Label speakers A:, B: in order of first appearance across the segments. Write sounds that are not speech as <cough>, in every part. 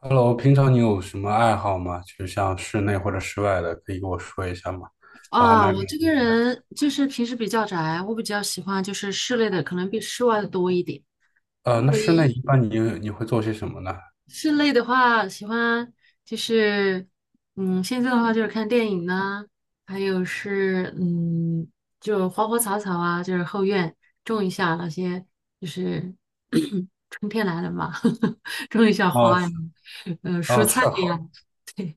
A: Hello，平常你有什么爱好吗？就像室内或者室外的，可以跟我说一下吗？我还
B: 啊，
A: 蛮……
B: 我这个人就是平时比较宅，我比较喜欢就是室内的，可能比室外的多一点。因
A: 那室内
B: 为
A: 一般你会做些什么呢？
B: 室内的话，喜欢就是，嗯，现在的话就是看电影呢，还有是嗯，就花花草草啊，就是后院种一下那些，就是 <coughs> <clears throat> 春天来了嘛，<laughs> 种一下
A: 哦
B: 花呀，蔬
A: 哦，
B: 菜
A: 是
B: 呀，
A: 好。
B: <laughs>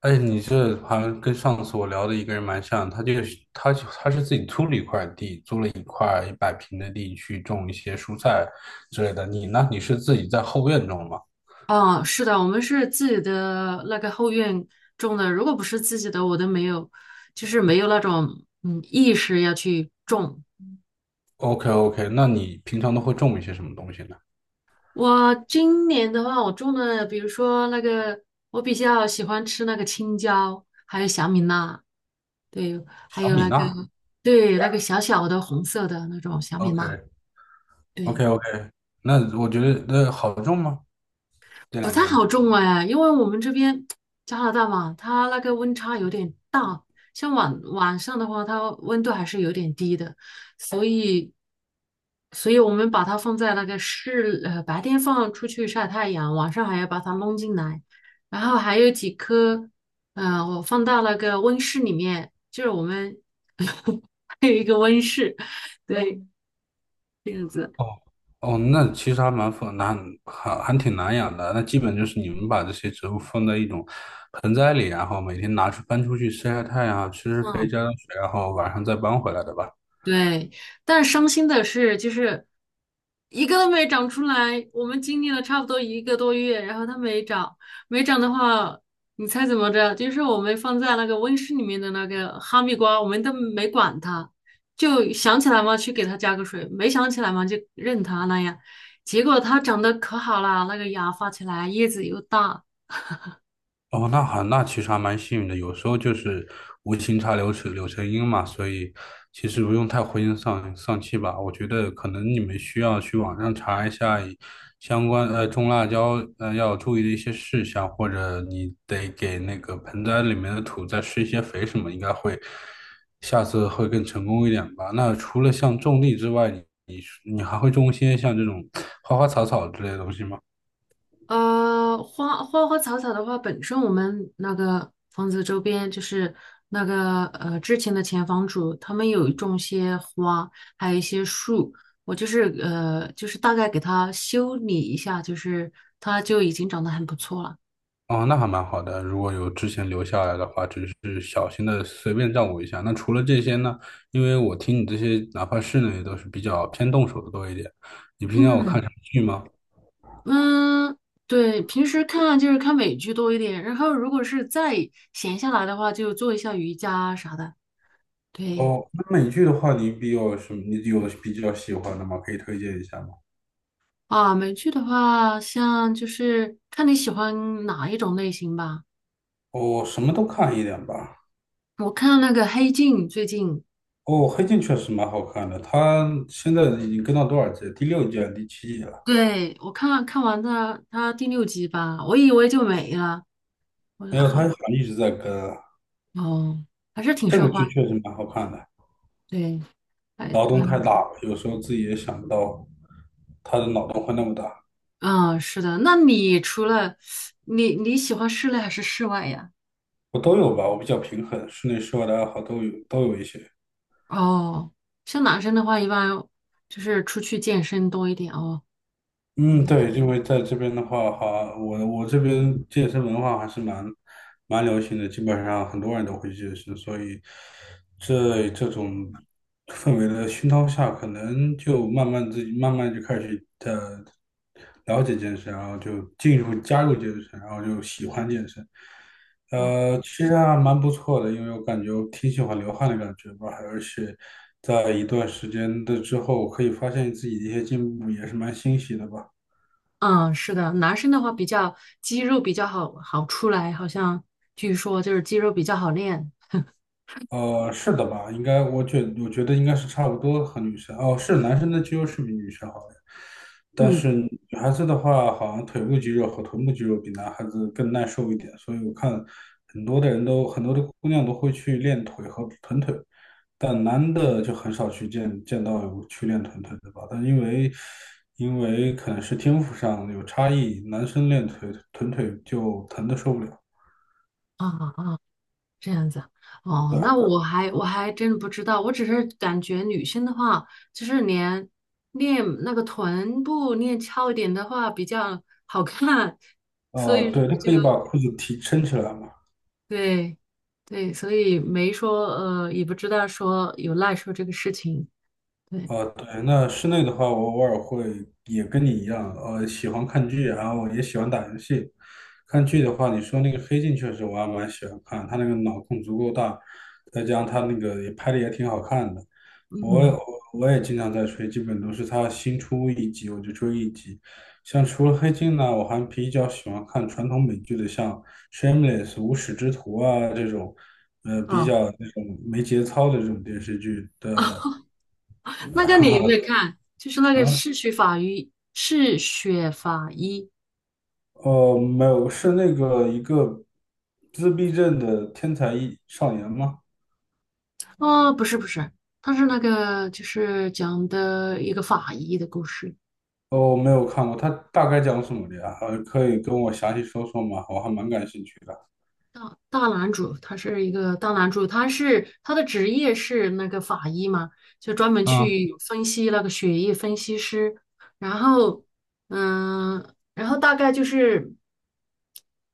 A: 哎，你这好像跟上次我聊的一个人蛮像，他就是他就他是自己租了一块地，租了一块一百平的地去种一些蔬菜之类的。你呢？你是自己在后院种吗
B: 哦，是的，我们是自己的那个后院种的，如果不是自己的，我都没有，就是没有那种嗯意识要去种。
A: ？OK OK，那你平常都会种一些什么东西呢？
B: 我今年的话，我种了，比如说那个，我比较喜欢吃那个青椒，还有小米辣，对，还
A: 小
B: 有
A: 米
B: 那个，
A: 辣。
B: 对，那个小小的红色的那种小米
A: OK
B: 辣，
A: OK
B: 对。
A: OK，那我觉得那好种吗？这
B: 不
A: 两个
B: 太
A: 东
B: 好
A: 西。
B: 种哎，因为我们这边加拿大嘛，它那个温差有点大，像晚上的话，它温度还是有点低的，所以，所以我们把它放在那个室，白天放出去晒太阳，晚上还要把它弄进来，然后还有几棵，我放到那个温室里面，就是我们 <laughs> 还有一个温室，对，这样子，
A: 哦哦，那其实还蛮复难，还挺难养的。那基本就是你们把这些植物放在一种盆栽里，然后每天搬出去晒晒太阳啊，吃吃肥，
B: 嗯，
A: 浇浇水，然后晚上再搬回来的吧。
B: 对。但伤心的是，就是一个都没长出来。我们经历了差不多一个多月，然后它没长，没长的话，你猜怎么着？就是我们放在那个温室里面的那个哈密瓜，我们都没管它，就想起来嘛去给它加个水，没想起来嘛就任它那样。结果它长得可好了，那个芽发起来，叶子又大，
A: 哦，那好，那其实还蛮幸运的，有时候就是无情插柳柳成荫嘛，所以其实不用太灰心丧气吧。我觉得可能你们需要去网上查一下相关种辣椒要注意的一些事项，或者你得给那个盆栽里面的土再施一些肥什么，应该会下次会更成功一点吧。那除了像种地之外，你还会种一些像这种花花草草之类的东西吗？
B: 花花草草的话，本身我们那个房子周边就是那个之前的前房主，他们有种些花，还有一些树。我就是就是大概给它修理一下，就是它就已经长得很不错了。
A: 哦，那还蛮好的。如果有之前留下来的话，只是小心的随便照顾一下。那除了这些呢？因为我听你这些，哪怕室内都是比较偏动手的多一点。你平常有看
B: 嗯
A: 什么剧吗？
B: 嗯，对，平时看就是看美剧多一点，然后如果是再闲下来的话，就做一下瑜伽啊啥的。对。
A: 哦，那美剧的话，你比较什么？你有比较喜欢的吗？可以推荐一下吗？
B: 啊，美剧的话，像就是看你喜欢哪一种类型吧。
A: 哦，什么都看一点吧。
B: 我看那个《黑镜》，最近，
A: 哦，《黑镜》确实蛮好看的，它现在已经跟到多少季了？第六季、第七季了？
B: 对，我看完的它第六集吧，我以为就没了，我觉
A: 没
B: 得
A: 有，它
B: 好
A: 好像一直在跟啊。
B: 哦，还是挺
A: 这
B: 受
A: 个
B: 欢迎。
A: 剧确实蛮好看的。
B: 对，哎，
A: 脑洞太
B: 嗯
A: 大了，有时候自己也想不到他的脑洞会那么大。
B: 嗯，是的。那你除了你喜欢室内还是室外呀？
A: 我都有吧，我比较平衡，室内室外的爱好都有，都有一些。
B: 哦，像男生的话，一般就是出去健身多一点哦，应
A: 嗯，
B: 该是。
A: 对，因为在这边的话，哈，我这边健身文化还是蛮流行的，基本上很多人都会健身，所以这种氛围的熏陶下，可能就慢慢自己慢慢就开始的了解健身，然后就加入健身，然后就喜欢健身，其实还蛮不错的，因为我感觉我挺喜欢流汗的感觉吧，而且在一段时间的之后，可以发现自己的一些进步，也是蛮欣喜的吧。
B: 嗯，是的，男生的话比较肌肉比较好出来，好像据说就是肌肉比较好练。
A: 是的吧？应该，我觉得应该是差不多和女生哦，是男生的肌肉是比女生好的，但
B: 嗯，
A: 是女孩子的话，好像腿部肌肉和臀部肌肉比男孩子更耐受一点，所以我看很多的姑娘都会去练腿和臀腿，但男的就很少去到有去练臀腿的吧？但因为因为可能是天赋上有差异，男生练腿臀腿就疼的受不了，
B: 啊,这样子。哦，
A: 对
B: 那
A: 吧？
B: 我还真不知道，我只是感觉女生的话，就是练那个臀部练翘一点的话比较好看，所
A: 啊、
B: 以说
A: 对，他可以把裤子撑起来嘛。
B: 对对，所以没说也不知道说有赖说这个事情。对，
A: 哦，对，那室内的话，我偶尔会也跟你一样，喜欢看剧，然后也喜欢打游戏。看剧的话，你说那个《黑镜》确实我还蛮喜欢看，他那个脑洞足够大，再加上他那个也拍的也挺好看的。我也
B: 嗯，
A: 我也经常在追，基本都是他新出一集我就追一集。像除了《黑镜》呢，我还比较喜欢看传统美剧的，像《Shameless》无耻之徒啊这种，比
B: 哦。
A: 较那种没节操的这种电视剧。对，
B: <laughs> 那个你有没
A: <laughs>
B: 有看？就是那个
A: 啊。
B: 嗜血法医，嗜血法医
A: 没有，是那个自闭症的天才一少年吗？
B: 哦，不是不是他是那个就是讲的一个法医的故事。
A: 哦，我没有看过，他大概讲什么的呀？可以跟我详细说说吗？我还蛮感兴趣的。
B: 大大男主，他是一个大男主，他是他的职业是那个法医嘛，就专门
A: 嗯，
B: 去分析那个血液分析师。然后，嗯，然后大概就是。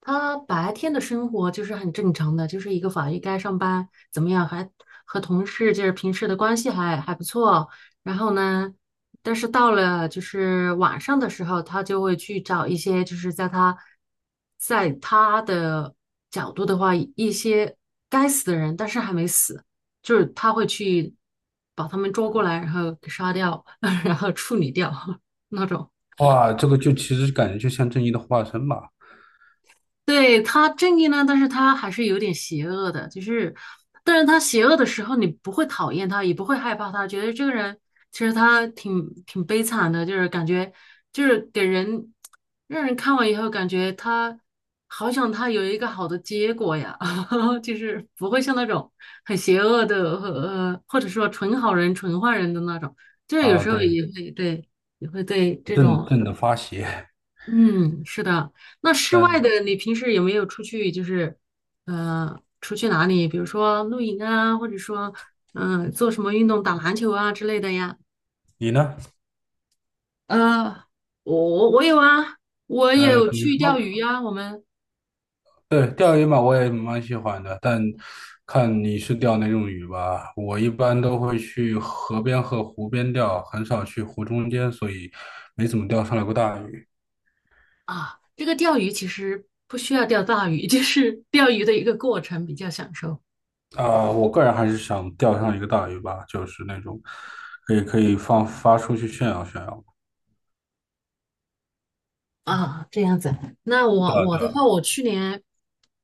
B: 他白天的生活就是很正常的，就是一个法医该上班，怎么样还和同事就是平时的关系还不错。然后呢，但是到了就是晚上的时候，他就会去找一些就是在他的角度的话，一些该死的人，但是还没死，就是他会去把他们抓过来，然后给杀掉，<laughs> 然后处理掉 <laughs> 那种。
A: 哇，这个就其实感觉就像正义的化身吧？
B: 对，他正义呢，但是他还是有点邪恶的，就是，但是他邪恶的时候，你不会讨厌他，也不会害怕他，觉得这个人其实他挺悲惨的，就是感觉就是给人让人看完以后感觉他好想他有一个好的结果呀，<laughs> 就是不会像那种很邪恶的和或者说纯好人纯坏人的那种，就是有
A: 啊，
B: 时候
A: 对，
B: 也会对也会对这
A: 正
B: 种
A: 正的发邪。
B: 嗯，是的。那室外
A: 但
B: 的，你平时有没有出去，就是出去哪里？比如说露营啊，或者说嗯、做什么运动，打篮球啊之类的呀？
A: 你呢？
B: 呃，我有啊，我
A: 呃，
B: 有
A: 比如
B: 去钓鱼
A: 说。
B: 呀、我们
A: 对，钓鱼嘛，我也蛮喜欢的，但看你是钓哪种鱼吧。我一般都会去河边和湖边钓，很少去湖中间，所以没怎么钓上来过大鱼。
B: 啊，这个钓鱼其实不需要钓大鱼，<laughs> 就是钓鱼的一个过程比较享受。
A: 啊、我个人还是想钓上一个大鱼吧，就是那种可以放发出去炫耀炫耀。
B: 啊，这样子。那我的话，我去年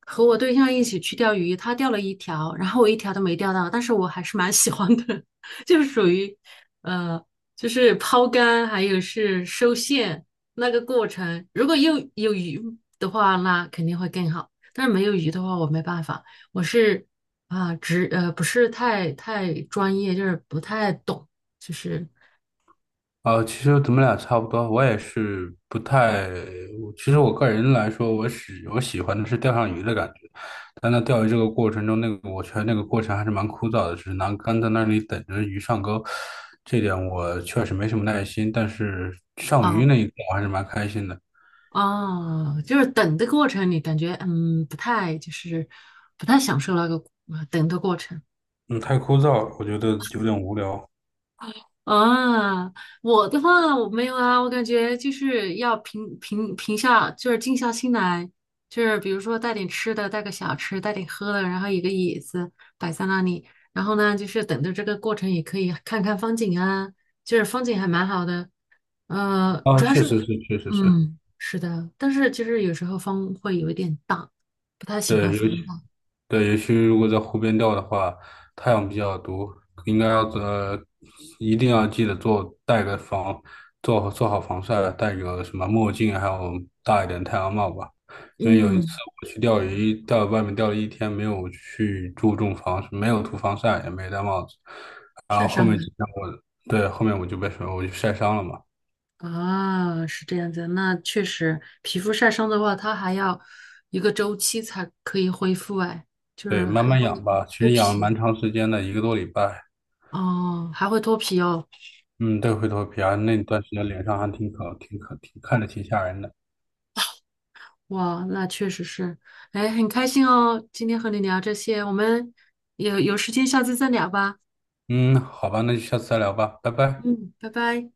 B: 和我对象一起去钓鱼，他钓了一条，然后我一条都没钓到，但是我还是蛮喜欢的，<laughs> 就是属于呃，就是抛竿还有是收线那个过程。如果又有鱼的话，那肯定会更好。但是没有鱼的话，我没办法，我是啊，不是太专业，就是不太懂，就是。
A: 其实咱们俩差不多，我也是不太，其实我个人来说，我喜欢的是钓上鱼的感觉，但在钓鱼这个过程中，我觉得那个过程还是蛮枯燥的，只是拿竿在那里等着鱼上钩，这点我确实没什么耐心，但是上鱼那
B: 啊。
A: 一刻我还是蛮开心的。
B: 哦，就是等的过程，你感觉嗯不太就是不太享受那个等的过程
A: 嗯，太枯燥了，我觉得有点无聊。
B: 啊。我的话我没有啊，我感觉就是要平下，就是静下心来，就是比如说带点吃的，带个小吃，带点喝的，然后一个椅子摆在那里，然后呢就是等着这个过程也可以看看风景啊，就是风景还蛮好的，呃，
A: 啊，
B: 主要是，
A: 确实是，
B: 嗯，是的，但是其实有时候风会有一点大，不太喜
A: 对，
B: 欢
A: 尤
B: 风
A: 其。
B: 大，
A: 对，尤其如果在湖边钓的话，太阳比较毒，应该要呃，一定要记得戴个做好防晒，戴个什么墨镜，还有大一点太阳帽吧。因为有一次
B: 嗯，
A: 我去钓鱼，在外面钓了一天，没有去注重没有涂防晒，也没戴帽子，然后
B: 晒
A: 后
B: 伤
A: 面几
B: 的
A: 天我，对，后面我就晒伤了嘛。
B: 啊，是这样子，那确实，皮肤晒伤的话，它还要一个周期才可以恢复，哎，就
A: 对，
B: 是
A: 慢
B: 还
A: 慢
B: 会
A: 养吧，其
B: 脱
A: 实养了蛮
B: 皮
A: 长时间的，一个多礼拜。
B: 哦，还会脱皮哦，
A: 嗯，对，灰头皮啊，那段时间脸上还挺看着挺吓人的。
B: 哇，那确实是，哎，很开心哦，今天和你聊这些，我们有时间下次再聊吧，
A: 嗯，好吧，那就下次再聊吧，拜拜。
B: 嗯，拜拜。